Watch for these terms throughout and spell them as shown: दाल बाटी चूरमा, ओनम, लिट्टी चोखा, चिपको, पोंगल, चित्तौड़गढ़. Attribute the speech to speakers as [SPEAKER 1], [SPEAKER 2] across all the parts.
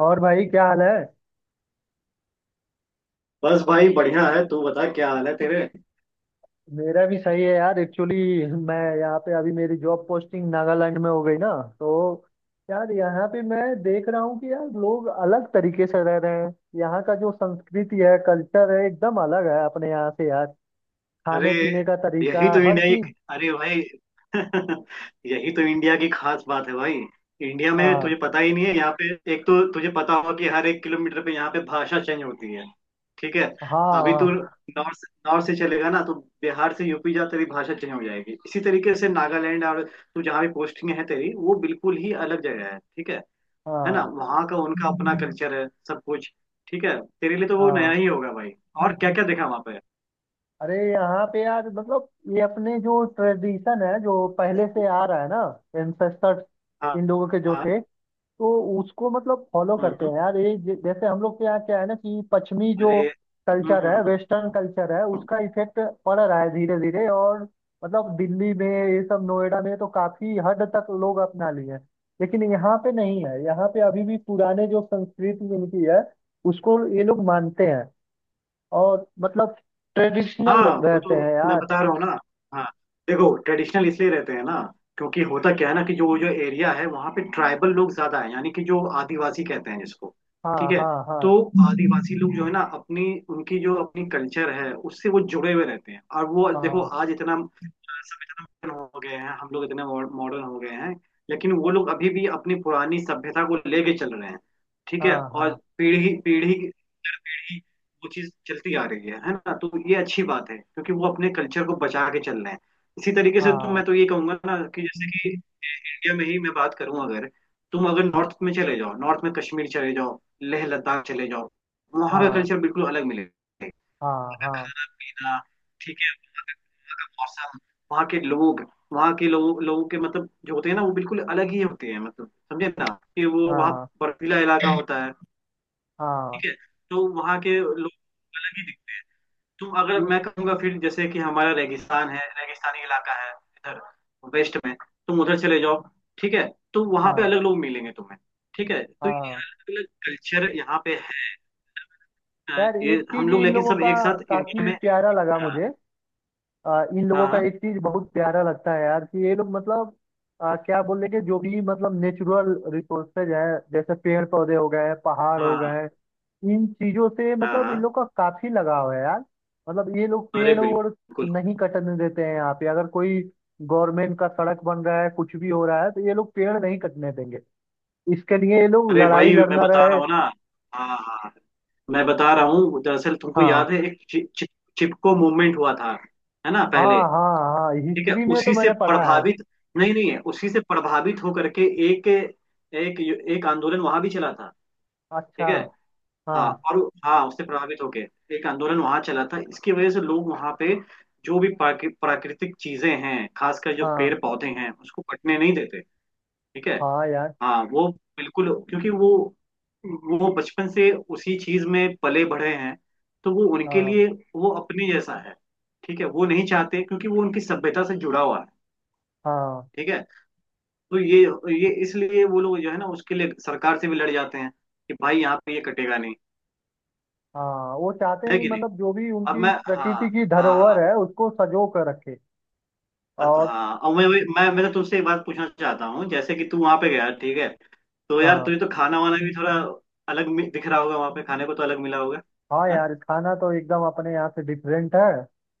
[SPEAKER 1] और भाई क्या हाल है।
[SPEAKER 2] बस भाई बढ़िया है। तू बता क्या हाल है तेरे।
[SPEAKER 1] मेरा भी सही है यार। एक्चुअली मैं यहाँ पे अभी, मेरी जॉब पोस्टिंग नागालैंड में हो गई ना, तो यार यहाँ पे मैं देख रहा हूँ कि यार लोग अलग तरीके से रह रहे हैं। यहाँ का जो संस्कृति है, कल्चर है, एकदम अलग है अपने यहाँ से यार।
[SPEAKER 2] अरे
[SPEAKER 1] खाने पीने का तरीका,
[SPEAKER 2] यही तो
[SPEAKER 1] हर
[SPEAKER 2] इंडिया की।
[SPEAKER 1] चीज।
[SPEAKER 2] अरे भाई यही तो इंडिया की खास बात है भाई। इंडिया में तुझे
[SPEAKER 1] हाँ।
[SPEAKER 2] पता ही नहीं है, यहाँ पे एक तो तुझे पता होगा कि हर एक किलोमीटर पे यहाँ पे भाषा चेंज होती है। ठीक है। अभी तू
[SPEAKER 1] हाँ।
[SPEAKER 2] नॉर्थ से चलेगा ना तो बिहार से यूपी जा, तेरी भाषा चेंज हो जाएगी। इसी तरीके से नागालैंड, और तू जहाँ भी पोस्टिंग है तेरी, वो बिल्कुल ही अलग जगह है। ठीक है। है ना,
[SPEAKER 1] हाँ।
[SPEAKER 2] वहां का उनका अपना कल्चर है सब कुछ। ठीक है, तेरे लिए तो वो नया
[SPEAKER 1] हाँ।
[SPEAKER 2] ही होगा भाई। और क्या क्या देखा वहां पे।
[SPEAKER 1] अरे यहाँ पे यार मतलब, ये अपने जो ट्रेडिशन है, जो पहले से आ रहा है ना, एंसेस्टर्स
[SPEAKER 2] हाँ
[SPEAKER 1] इन लोगों के जो
[SPEAKER 2] हाँ।
[SPEAKER 1] थे, तो उसको मतलब फॉलो
[SPEAKER 2] हम्म
[SPEAKER 1] करते
[SPEAKER 2] हम्म,
[SPEAKER 1] हैं यार। ये जैसे हम लोग के यहाँ क्या है ना, कि पश्चिमी जो
[SPEAKER 2] अरे
[SPEAKER 1] कल्चर है, वेस्टर्न कल्चर है, उसका इफेक्ट पड़ रहा है धीरे धीरे। और मतलब दिल्ली में ये सब, नोएडा में तो काफी हद तक लोग अपना लिए हैं, लेकिन यहाँ पे नहीं है। यहाँ पे अभी भी पुराने जो संस्कृति इनकी है उसको ये लोग मानते हैं, और मतलब ट्रेडिशनल
[SPEAKER 2] हाँ वो
[SPEAKER 1] रहते
[SPEAKER 2] तो,
[SPEAKER 1] हैं
[SPEAKER 2] मैं
[SPEAKER 1] यार।
[SPEAKER 2] बता रहा हूँ ना। हाँ, देखो ट्रेडिशनल इसलिए रहते हैं ना, क्योंकि होता क्या है ना कि जो जो एरिया है वहाँ पे ट्राइबल लोग ज्यादा हैं, यानी कि जो आदिवासी कहते हैं जिसको।
[SPEAKER 1] हाँ।
[SPEAKER 2] ठीक है।
[SPEAKER 1] हाँ। हाँ।
[SPEAKER 2] तो आदिवासी लोग जो है ना अपनी, उनकी जो अपनी कल्चर है उससे वो जुड़े हुए रहते हैं। और वो देखो,
[SPEAKER 1] हाँ।
[SPEAKER 2] आज इतना हो गए हैं, हम लोग इतने मॉडर्न हो गए हैं, लेकिन वो लोग अभी भी अपनी पुरानी सभ्यता को लेके चल रहे हैं। ठीक है।
[SPEAKER 1] हाँ।
[SPEAKER 2] और
[SPEAKER 1] हाँ।
[SPEAKER 2] पीढ़ी पीढ़ी पीढ़ी वो चीज चलती आ रही है ना। तो ये अच्छी बात है क्योंकि वो अपने कल्चर को बचा के चल रहे हैं। इसी तरीके से तुम,
[SPEAKER 1] हाँ।
[SPEAKER 2] मैं तो ये कहूंगा ना कि जैसे कि इंडिया में ही मैं बात करूं अगर, तुम अगर नॉर्थ में चले जाओ, नॉर्थ में कश्मीर चले जाओ, लेह लद्दाख चले जाओ, वहां का
[SPEAKER 1] हाँ।
[SPEAKER 2] कल्चर बिल्कुल अलग मिलेगा।
[SPEAKER 1] हाँ। हाँ।
[SPEAKER 2] खाना पीना, ठीक, मौसम, वहाँ के लोग, वहाँ के लोग, लोगों के मतलब जो होते हैं ना, वो बिल्कुल अलग ही होते हैं, मतलब समझे ना, कि वो वहाँ
[SPEAKER 1] हाँ।
[SPEAKER 2] बर्फीला इलाका होता है।
[SPEAKER 1] हाँ।
[SPEAKER 2] ठीक है। तो वहाँ के लोग अलग ही दिखते हैं। तुम अगर,
[SPEAKER 1] ये-
[SPEAKER 2] मैं कहूँगा फिर जैसे कि हमारा रेगिस्तान है, रेगिस्तानी इलाका है इधर वेस्ट में, तुम उधर चले जाओ, ठीक है, तो वहाँ पे
[SPEAKER 1] हाँ।
[SPEAKER 2] अलग लोग मिलेंगे तुम्हें। ठीक है, तो ये
[SPEAKER 1] हाँ।
[SPEAKER 2] अलग अलग कल्चर यहाँ पे है।
[SPEAKER 1] यार
[SPEAKER 2] ये
[SPEAKER 1] एक चीज
[SPEAKER 2] हम लोग
[SPEAKER 1] इन
[SPEAKER 2] लेकिन
[SPEAKER 1] लोगों
[SPEAKER 2] सब
[SPEAKER 1] का
[SPEAKER 2] एक साथ इंडिया
[SPEAKER 1] काफी
[SPEAKER 2] में।
[SPEAKER 1] प्यारा लगा
[SPEAKER 2] हाँ
[SPEAKER 1] मुझे। इन लोगों का
[SPEAKER 2] हाँ
[SPEAKER 1] एक चीज बहुत प्यारा लगता है यार, कि ये लोग मतलब, क्या बोल रहे, कि जो भी मतलब नेचुरल रिसोर्सेज है, जैसे पेड़ पौधे हो गए, पहाड़ हो
[SPEAKER 2] हाँ।
[SPEAKER 1] गए, इन चीजों से
[SPEAKER 2] हाँ
[SPEAKER 1] मतलब इन
[SPEAKER 2] हाँ।
[SPEAKER 1] लोग का काफी लगाव है यार। मतलब ये लोग
[SPEAKER 2] अरे
[SPEAKER 1] पेड़ वोड़
[SPEAKER 2] बिल्कुल।
[SPEAKER 1] नहीं कटने देते हैं। यहाँ पे अगर कोई गवर्नमेंट का सड़क बन रहा है, कुछ भी हो रहा है, तो ये लोग पेड़ नहीं कटने देंगे। इसके लिए ये लोग
[SPEAKER 2] अरे
[SPEAKER 1] लड़ाई
[SPEAKER 2] भाई मैं
[SPEAKER 1] लड़ना
[SPEAKER 2] बता रहा
[SPEAKER 1] रहे।
[SPEAKER 2] हूँ ना। हाँ हाँ। मैं बता रहा हूँ, दरअसल तुमको
[SPEAKER 1] हाँ।
[SPEAKER 2] याद है, एक चि, चि, चिपको मूवमेंट हुआ था, है ना
[SPEAKER 1] हाँ।
[SPEAKER 2] पहले।
[SPEAKER 1] हाँ। हाँ
[SPEAKER 2] ठीक है,
[SPEAKER 1] हिस्ट्री में तो
[SPEAKER 2] उसी से
[SPEAKER 1] मैंने पढ़ा है।
[SPEAKER 2] प्रभावित, नहीं नहीं है, उसी से प्रभावित होकर के एक एक एक आंदोलन वहां भी चला था। ठीक
[SPEAKER 1] अच्छा।
[SPEAKER 2] है।
[SPEAKER 1] हाँ।
[SPEAKER 2] हाँ। और हाँ, उससे प्रभावित होके एक आंदोलन वहां चला था, इसकी वजह से लोग वहां पे जो भी प्राकृतिक चीजें हैं, खासकर जो पेड़
[SPEAKER 1] हाँ।
[SPEAKER 2] पौधे हैं, उसको कटने नहीं देते। ठीक है।
[SPEAKER 1] हाँ यार।
[SPEAKER 2] हाँ, वो बिल्कुल, क्योंकि वो बचपन से उसी चीज में पले बढ़े हैं, तो वो उनके
[SPEAKER 1] हाँ।
[SPEAKER 2] लिए, वो अपने जैसा है। ठीक है, वो नहीं चाहते क्योंकि वो उनकी सभ्यता से जुड़ा हुआ है।
[SPEAKER 1] हाँ।
[SPEAKER 2] ठीक है। तो ये ये इसलिए वो लोग जो है ना, उसके लिए सरकार से भी लड़ जाते हैं कि भाई यहाँ पे ये कटेगा नहीं।
[SPEAKER 1] हाँ वो चाहते हैं
[SPEAKER 2] है
[SPEAKER 1] कि
[SPEAKER 2] कि नहीं।
[SPEAKER 1] मतलब जो भी
[SPEAKER 2] अब
[SPEAKER 1] उनकी
[SPEAKER 2] मैं हाँ
[SPEAKER 1] प्रकृति की
[SPEAKER 2] हाँ
[SPEAKER 1] धरोहर
[SPEAKER 2] हाँ
[SPEAKER 1] है उसको सजो कर रखे।
[SPEAKER 2] अत-
[SPEAKER 1] और
[SPEAKER 2] हाँ अब मैं तो तुमसे एक बात पूछना चाहता हूँ। जैसे कि तू वहां पे गया, ठीक है, तो यार
[SPEAKER 1] हाँ।
[SPEAKER 2] तुझे तो खाना वाना भी थोड़ा अलग दिख रहा होगा, वहां पे खाने को तो अलग मिला होगा।
[SPEAKER 1] हाँ
[SPEAKER 2] हाँ?
[SPEAKER 1] यार खाना तो एकदम अपने यहाँ से डिफरेंट है।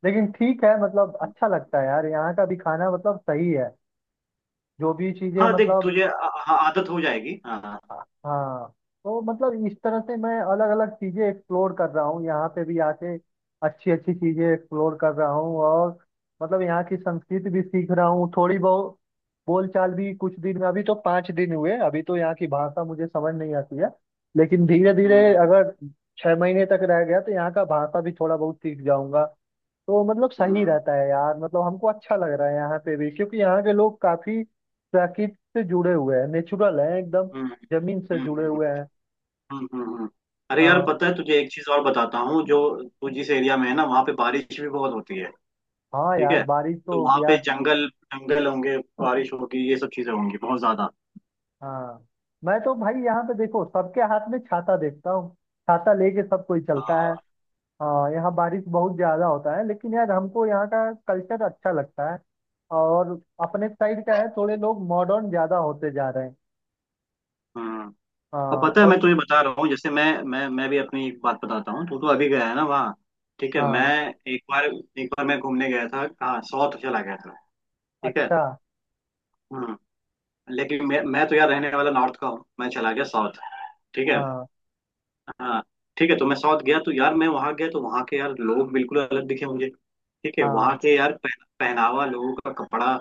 [SPEAKER 1] लेकिन ठीक है, मतलब अच्छा लगता है यार, यहाँ का भी खाना मतलब सही है। जो भी चीजें
[SPEAKER 2] हाँ, देख
[SPEAKER 1] मतलब।
[SPEAKER 2] तुझे आदत हो जाएगी। हाँ हाँ।
[SPEAKER 1] हाँ। तो मतलब इस तरह से मैं अलग अलग चीजें एक्सप्लोर कर रहा हूँ यहाँ पे भी आके। अच्छी अच्छी चीजें एक्सप्लोर कर रहा हूँ, और मतलब यहाँ की संस्कृति भी सीख रहा हूँ थोड़ी बहुत। बोलचाल भी कुछ दिन में, अभी तो 5 दिन हुए, अभी तो यहाँ की भाषा मुझे समझ नहीं आती है। लेकिन धीरे धीरे
[SPEAKER 2] हम्म
[SPEAKER 1] अगर 6 महीने तक रह गया तो यहाँ का भाषा भी थोड़ा बहुत सीख जाऊंगा। तो मतलब सही
[SPEAKER 2] हम्म
[SPEAKER 1] रहता है यार। मतलब हमको अच्छा लग रहा है यहाँ पे भी, क्योंकि यहाँ के लोग काफी प्रकृति से जुड़े हुए हैं, नेचुरल हैं एकदम,
[SPEAKER 2] हम्म
[SPEAKER 1] जमीन से
[SPEAKER 2] हम्म हम्म
[SPEAKER 1] जुड़े
[SPEAKER 2] हम्म,
[SPEAKER 1] हुए हैं।
[SPEAKER 2] हम्म। अरे यार
[SPEAKER 1] हाँ।
[SPEAKER 2] पता है तुझे एक चीज और बताता हूँ जो, तू जिस एरिया में है ना वहाँ पे बारिश भी बहुत होती है।
[SPEAKER 1] हाँ
[SPEAKER 2] ठीक
[SPEAKER 1] यार
[SPEAKER 2] है।
[SPEAKER 1] बारिश तो
[SPEAKER 2] तो वहाँ पे
[SPEAKER 1] यार।
[SPEAKER 2] जंगल, होंगे, बारिश होगी, ये सब चीजें होंगी बहुत ज्यादा।
[SPEAKER 1] हाँ मैं तो भाई यहाँ पे देखो, सबके हाथ में छाता देखता हूँ। छाता लेके सब कोई चलता है।
[SPEAKER 2] हाँ,
[SPEAKER 1] हाँ यहाँ बारिश बहुत ज्यादा होता है, लेकिन यार हमको यहाँ का कल्चर अच्छा लगता है। और अपने साइड का है, थोड़े लोग मॉडर्न ज्यादा होते जा रहे हैं।
[SPEAKER 2] हम्म और
[SPEAKER 1] हाँ।
[SPEAKER 2] पता है, मैं
[SPEAKER 1] और
[SPEAKER 2] तुझे बता रहा हूँ, जैसे मैं भी अपनी एक बात बताता हूँ। तू तो अभी गया है ना वहाँ, ठीक है, मैं
[SPEAKER 1] हाँ।
[SPEAKER 2] एक बार मैं घूमने गया था, हाँ साउथ चला गया था। ठीक है।
[SPEAKER 1] अच्छा।
[SPEAKER 2] हम्म। लेकिन मैं तो यार रहने वाला नॉर्थ का हूँ, मैं चला गया साउथ, ठीक है।
[SPEAKER 1] हाँ।
[SPEAKER 2] हाँ। ठीक है, तो मैं साउथ गया, तो यार मैं वहां गया तो वहां के यार लोग बिल्कुल अलग दिखे मुझे। ठीक है,
[SPEAKER 1] हाँ।
[SPEAKER 2] वहां के यार पहनावा, लोगों का कपड़ा,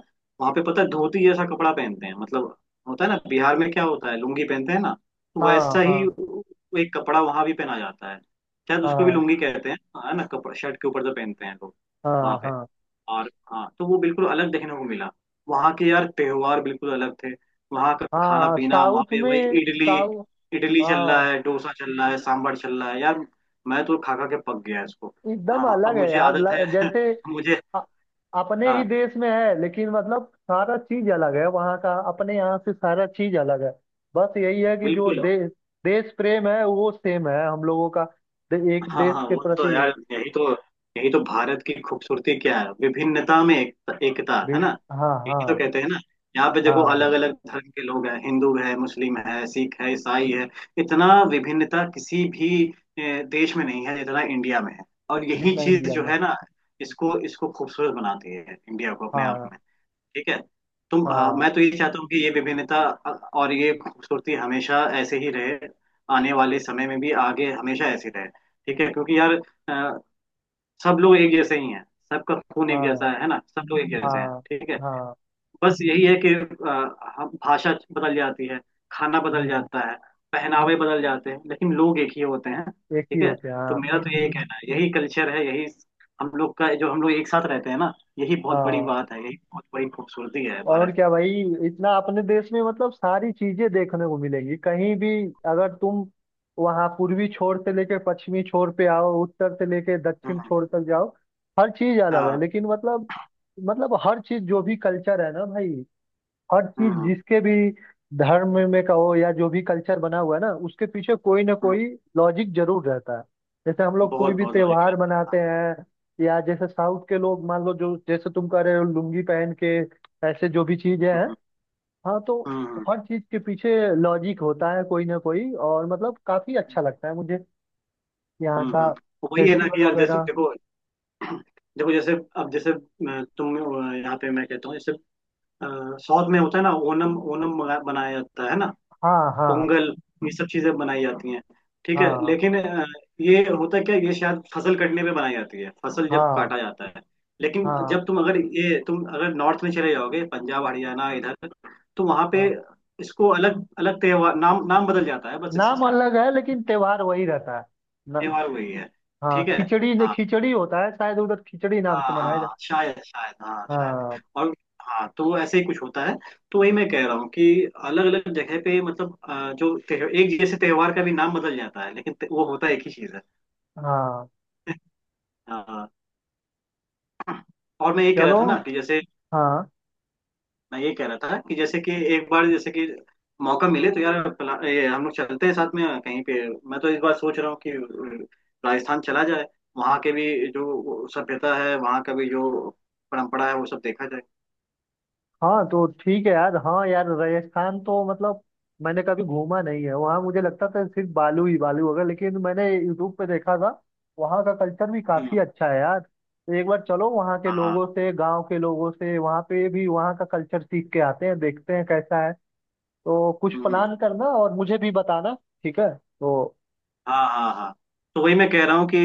[SPEAKER 2] वहां पे पता है धोती जैसा कपड़ा पहनते हैं मतलब, होता है ना, बिहार में क्या होता है, लुंगी पहनते हैं ना, तो वैसा
[SPEAKER 1] हाँ।
[SPEAKER 2] ही
[SPEAKER 1] हाँ।
[SPEAKER 2] एक कपड़ा वहां भी पहना जाता है, शायद उसको भी
[SPEAKER 1] हाँ।
[SPEAKER 2] लुंगी कहते हैं, है ना। कपड़ा शर्ट के ऊपर जो पहनते हैं लोग वहां
[SPEAKER 1] हाँ।
[SPEAKER 2] पे।
[SPEAKER 1] हाँ।
[SPEAKER 2] और हाँ, तो वो बिल्कुल अलग देखने को मिला। वहाँ के यार त्योहार बिल्कुल अलग थे। वहाँ का खाना
[SPEAKER 1] हाँ
[SPEAKER 2] पीना, वहाँ
[SPEAKER 1] साउथ
[SPEAKER 2] पे वही
[SPEAKER 1] में।
[SPEAKER 2] इडली,
[SPEAKER 1] साउथ।
[SPEAKER 2] चल रहा
[SPEAKER 1] हाँ
[SPEAKER 2] है, डोसा चल रहा है, सांभर चल रहा है यार। मैं तो खा खा के पक गया इसको।
[SPEAKER 1] एकदम
[SPEAKER 2] हाँ, अब
[SPEAKER 1] अलग है
[SPEAKER 2] मुझे
[SPEAKER 1] यार।
[SPEAKER 2] आदत है
[SPEAKER 1] जैसे
[SPEAKER 2] मुझे।
[SPEAKER 1] अ- अपने ही
[SPEAKER 2] हाँ,
[SPEAKER 1] देश में है, लेकिन मतलब सारा चीज अलग है वहाँ का, अपने यहाँ से सारा चीज अलग है। बस यही है कि जो
[SPEAKER 2] बिल्कुल।
[SPEAKER 1] देश, देश प्रेम है वो सेम है हम लोगों का। एक
[SPEAKER 2] हाँ
[SPEAKER 1] देश
[SPEAKER 2] हाँ,
[SPEAKER 1] के
[SPEAKER 2] वो तो
[SPEAKER 1] प्रति
[SPEAKER 2] यार यही तो, यही तो भारत की खूबसूरती क्या है, विभिन्नता में एकता
[SPEAKER 1] भी।
[SPEAKER 2] है ना।
[SPEAKER 1] हाँ।
[SPEAKER 2] यही तो
[SPEAKER 1] हाँ।
[SPEAKER 2] कहते हैं ना। यहाँ पे देखो
[SPEAKER 1] हाँ
[SPEAKER 2] अलग अलग धर्म के लोग हैं, हिंदू है, मुस्लिम है, सिख है, ईसाई है, इतना विभिन्नता किसी भी देश में नहीं है जितना इंडिया में है। और यही
[SPEAKER 1] जितना
[SPEAKER 2] चीज
[SPEAKER 1] इंडिया
[SPEAKER 2] जो
[SPEAKER 1] में।
[SPEAKER 2] है ना, इसको इसको खूबसूरत बनाती है इंडिया को अपने आप
[SPEAKER 1] हाँ।
[SPEAKER 2] में। ठीक है।
[SPEAKER 1] हाँ।
[SPEAKER 2] मैं तो ये चाहता हूँ कि ये विभिन्नता और ये खूबसूरती हमेशा ऐसे ही रहे, आने वाले समय में भी आगे हमेशा ऐसे रहे। ठीक है, क्योंकि यार अ, सब लोग एक जैसे ही हैं, सबका खून एक
[SPEAKER 1] हाँ।
[SPEAKER 2] जैसा है ना, सब लोग एक जैसे हैं,
[SPEAKER 1] हाँ।
[SPEAKER 2] ठीक है।
[SPEAKER 1] हाँ।
[SPEAKER 2] बस यही है कि भाषा बदल जाती है, खाना बदल
[SPEAKER 1] हम्म,
[SPEAKER 2] जाता है, पहनावे बदल जाते हैं, लेकिन लोग एक ही होते हैं,
[SPEAKER 1] एक ही
[SPEAKER 2] ठीक है।
[SPEAKER 1] होते हैं
[SPEAKER 2] तो
[SPEAKER 1] हाँ।
[SPEAKER 2] मेरा तो यही कहना है, यही कल्चर है, यही हम लोग का, जो हम लोग एक साथ रहते हैं ना, यही बहुत बड़ी
[SPEAKER 1] हाँ।
[SPEAKER 2] बात है, यही बहुत बड़ी खूबसूरती है
[SPEAKER 1] और
[SPEAKER 2] भारत।
[SPEAKER 1] क्या भाई। इतना अपने देश में मतलब सारी चीजें देखने को मिलेंगी कहीं भी, अगर तुम वहां पूर्वी छोर से लेके पश्चिमी छोर पे आओ, उत्तर से लेके दक्षिण
[SPEAKER 2] हाँ
[SPEAKER 1] छोर तक जाओ, हर चीज अलग है।
[SPEAKER 2] हाँ
[SPEAKER 1] लेकिन मतलब, मतलब हर चीज जो भी कल्चर है ना भाई, हर चीज
[SPEAKER 2] हाँ।
[SPEAKER 1] जिसके भी धर्म में कहो, या जो भी कल्चर बना हुआ है ना, उसके पीछे कोई ना
[SPEAKER 2] हाँ,
[SPEAKER 1] कोई लॉजिक जरूर रहता है। जैसे हम लोग कोई
[SPEAKER 2] बहुत
[SPEAKER 1] भी
[SPEAKER 2] बहुत लॉजिक
[SPEAKER 1] त्योहार
[SPEAKER 2] रहता है,
[SPEAKER 1] मनाते
[SPEAKER 2] हाँ।
[SPEAKER 1] हैं, या जैसे साउथ के लोग मान लो, जो जैसे तुम कह रहे हो लुंगी पहन के, ऐसे जो भी चीजें हैं।
[SPEAKER 2] हम्म
[SPEAKER 1] हाँ। तो
[SPEAKER 2] हम्म।
[SPEAKER 1] हर चीज के पीछे लॉजिक होता है कोई ना कोई, और मतलब काफी
[SPEAKER 2] हम्म।
[SPEAKER 1] अच्छा लगता है मुझे यहाँ का
[SPEAKER 2] तो वही है ना
[SPEAKER 1] फेस्टिवल
[SPEAKER 2] कि यार, जैसे
[SPEAKER 1] वगैरह।
[SPEAKER 2] देखो देखो जैसे, अब जैसे तुम यहाँ पे मैं कहता हूँ जैसे, अ, साउथ में होता है ना ओनम, मनाया जाता है ना,
[SPEAKER 1] हाँ। हाँ।
[SPEAKER 2] पोंगल, ये सब चीजें बनाई जाती हैं, ठीक है।
[SPEAKER 1] हाँ।
[SPEAKER 2] लेकिन ये होता क्या है, ये शायद फसल कटने पे बनाई जाती है, फसल जब
[SPEAKER 1] हाँ।
[SPEAKER 2] काटा जाता है, लेकिन
[SPEAKER 1] हाँ।
[SPEAKER 2] जब तुम अगर ये, तुम अगर नॉर्थ में चले जाओगे पंजाब हरियाणा इधर, तो वहां पे
[SPEAKER 1] हाँ
[SPEAKER 2] इसको अलग अलग त्योहार, नाम नाम बदल जाता है बस
[SPEAKER 1] नाम
[SPEAKER 2] इसका,
[SPEAKER 1] अलग है, लेकिन त्योहार वही रहता है। न,
[SPEAKER 2] त्योहार वही है।
[SPEAKER 1] हाँ
[SPEAKER 2] ठीक है।
[SPEAKER 1] खिचड़ी, नहीं
[SPEAKER 2] हाँ
[SPEAKER 1] खिचड़ी होता है शायद, उधर खिचड़ी नाम से
[SPEAKER 2] हाँ
[SPEAKER 1] मनाया
[SPEAKER 2] हाँ,
[SPEAKER 1] जाता।
[SPEAKER 2] शायद शायद हाँ शायद।
[SPEAKER 1] हाँ।
[SPEAKER 2] और हाँ, तो वो ऐसे ही कुछ होता है। तो वही मैं कह रहा हूँ कि अलग अलग जगह पे मतलब जो एक जैसे त्योहार का भी नाम बदल जाता है, लेकिन वो होता एक ही चीज है।
[SPEAKER 1] हाँ।
[SPEAKER 2] हाँ। और मैं ये कह रहा
[SPEAKER 1] चलो।
[SPEAKER 2] था ना कि जैसे,
[SPEAKER 1] हाँ।
[SPEAKER 2] मैं ये कह रहा था कि जैसे कि एक बार जैसे कि, मौका मिले तो यार ये हम लोग चलते हैं साथ में कहीं पे। मैं तो इस बार सोच रहा हूँ कि राजस्थान चला जाए, वहाँ के भी जो सभ्यता है, वहाँ का भी जो परंपरा है, वो सब देखा जाए।
[SPEAKER 1] हाँ तो ठीक है यार। हाँ यार राजस्थान तो मतलब, मैंने कभी घूमा नहीं है वहाँ। मुझे लगता था सिर्फ बालू ही बालू होगा, लेकिन मैंने यूट्यूब पे देखा था वहाँ का कल्चर भी
[SPEAKER 2] हम्म,
[SPEAKER 1] काफी अच्छा है यार। तो एक बार चलो वहाँ के
[SPEAKER 2] हाँ।
[SPEAKER 1] लोगों से, गांव के लोगों से, वहाँ पे भी वहाँ का कल्चर सीख के आते हैं, देखते हैं कैसा है। तो कुछ
[SPEAKER 2] हम्म।
[SPEAKER 1] प्लान करना, और मुझे भी बताना। ठीक है। तो
[SPEAKER 2] हाँ हाँ हाँ। तो वही मैं कह रहा हूँ कि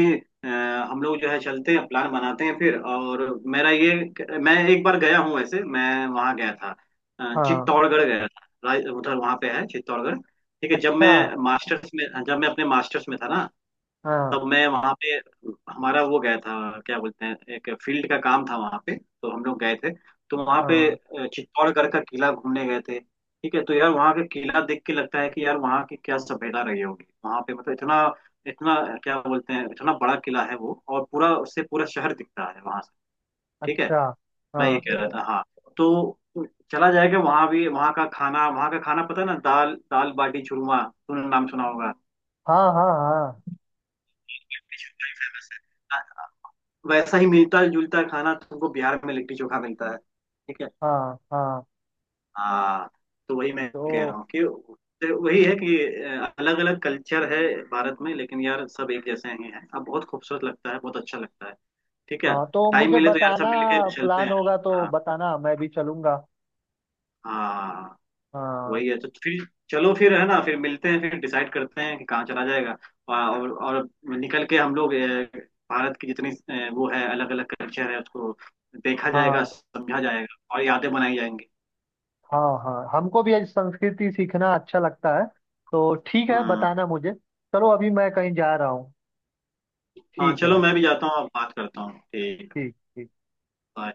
[SPEAKER 2] अ, हम लोग जो है चलते हैं, प्लान बनाते हैं फिर। और मेरा ये, मैं एक बार गया हूँ वैसे, मैं वहाँ गया था,
[SPEAKER 1] हाँ।
[SPEAKER 2] चित्तौड़गढ़ गया था, उधर वहाँ पे है चित्तौड़गढ़। ठीक है, जब
[SPEAKER 1] अच्छा।
[SPEAKER 2] मैं मास्टर्स में, जब मैं अपने मास्टर्स में था ना,
[SPEAKER 1] हाँ।
[SPEAKER 2] तब मैं वहाँ पे, हमारा वो गया था, क्या बोलते हैं, एक फील्ड का काम था वहाँ पे, तो हम लोग गए थे। तो वहाँ पे
[SPEAKER 1] हाँ।
[SPEAKER 2] अ, चित्तौड़गढ़ का किला घूमने गए थे। ठीक है, तो यार वहाँ का किला देख के लगता है कि यार वहाँ की क्या सभ्यता रही होगी, वहाँ पे मतलब इतना इतना, क्या बोलते हैं, इतना बड़ा किला है वो, और पूरा, उससे पूरा शहर दिखता है वहाँ से। ठीक है।
[SPEAKER 1] अच्छा। हाँ।
[SPEAKER 2] मैं ये कह रहा था हाँ, तो चला जाएगा वहाँ भी, वहाँ का खाना, वहाँ का खाना पता है ना, दाल दाल बाटी चूरमा, तूने नाम सुना होगा।
[SPEAKER 1] हाँ। हाँ। हाँ।
[SPEAKER 2] वैसा ही मिलता जुलता खाना तुमको बिहार में लिट्टी चोखा मिलता है, ठीक है।
[SPEAKER 1] हाँ। हाँ।
[SPEAKER 2] हाँ। तो वही मैं कह रहा
[SPEAKER 1] तो
[SPEAKER 2] हूँ कि, तो वही है कि अलग अलग कल्चर है भारत में, लेकिन यार सब एक जैसे ही हैं। अब बहुत खूबसूरत लगता है, बहुत अच्छा लगता है। ठीक है।
[SPEAKER 1] हाँ। तो
[SPEAKER 2] टाइम
[SPEAKER 1] मुझे
[SPEAKER 2] मिले तो यार सब
[SPEAKER 1] बताना।
[SPEAKER 2] मिलके चलते
[SPEAKER 1] प्लान
[SPEAKER 2] हैं।
[SPEAKER 1] होगा तो
[SPEAKER 2] हाँ
[SPEAKER 1] बताना, मैं भी चलूंगा।
[SPEAKER 2] हाँ।
[SPEAKER 1] हाँ।
[SPEAKER 2] वही है तो फिर, चलो फिर है ना, फिर मिलते हैं, फिर डिसाइड करते हैं कि कहाँ चला जाएगा। और निकल के हम लोग, भारत की जितनी, वो है अलग अलग कल्चर है, उसको देखा जाएगा,
[SPEAKER 1] हाँ।
[SPEAKER 2] समझा जाएगा, और यादें बनाई जाएंगी।
[SPEAKER 1] हाँ। हाँ हमको भी आज संस्कृति सीखना अच्छा लगता है। तो ठीक है,
[SPEAKER 2] हम्म।
[SPEAKER 1] बताना मुझे। चलो अभी मैं कहीं जा रहा हूँ।
[SPEAKER 2] हाँ
[SPEAKER 1] ठीक है
[SPEAKER 2] चलो,
[SPEAKER 1] भाई।
[SPEAKER 2] मैं भी जाता हूँ, अब बात करता हूँ, ठीक है,
[SPEAKER 1] ठीक ठीक।
[SPEAKER 2] bye.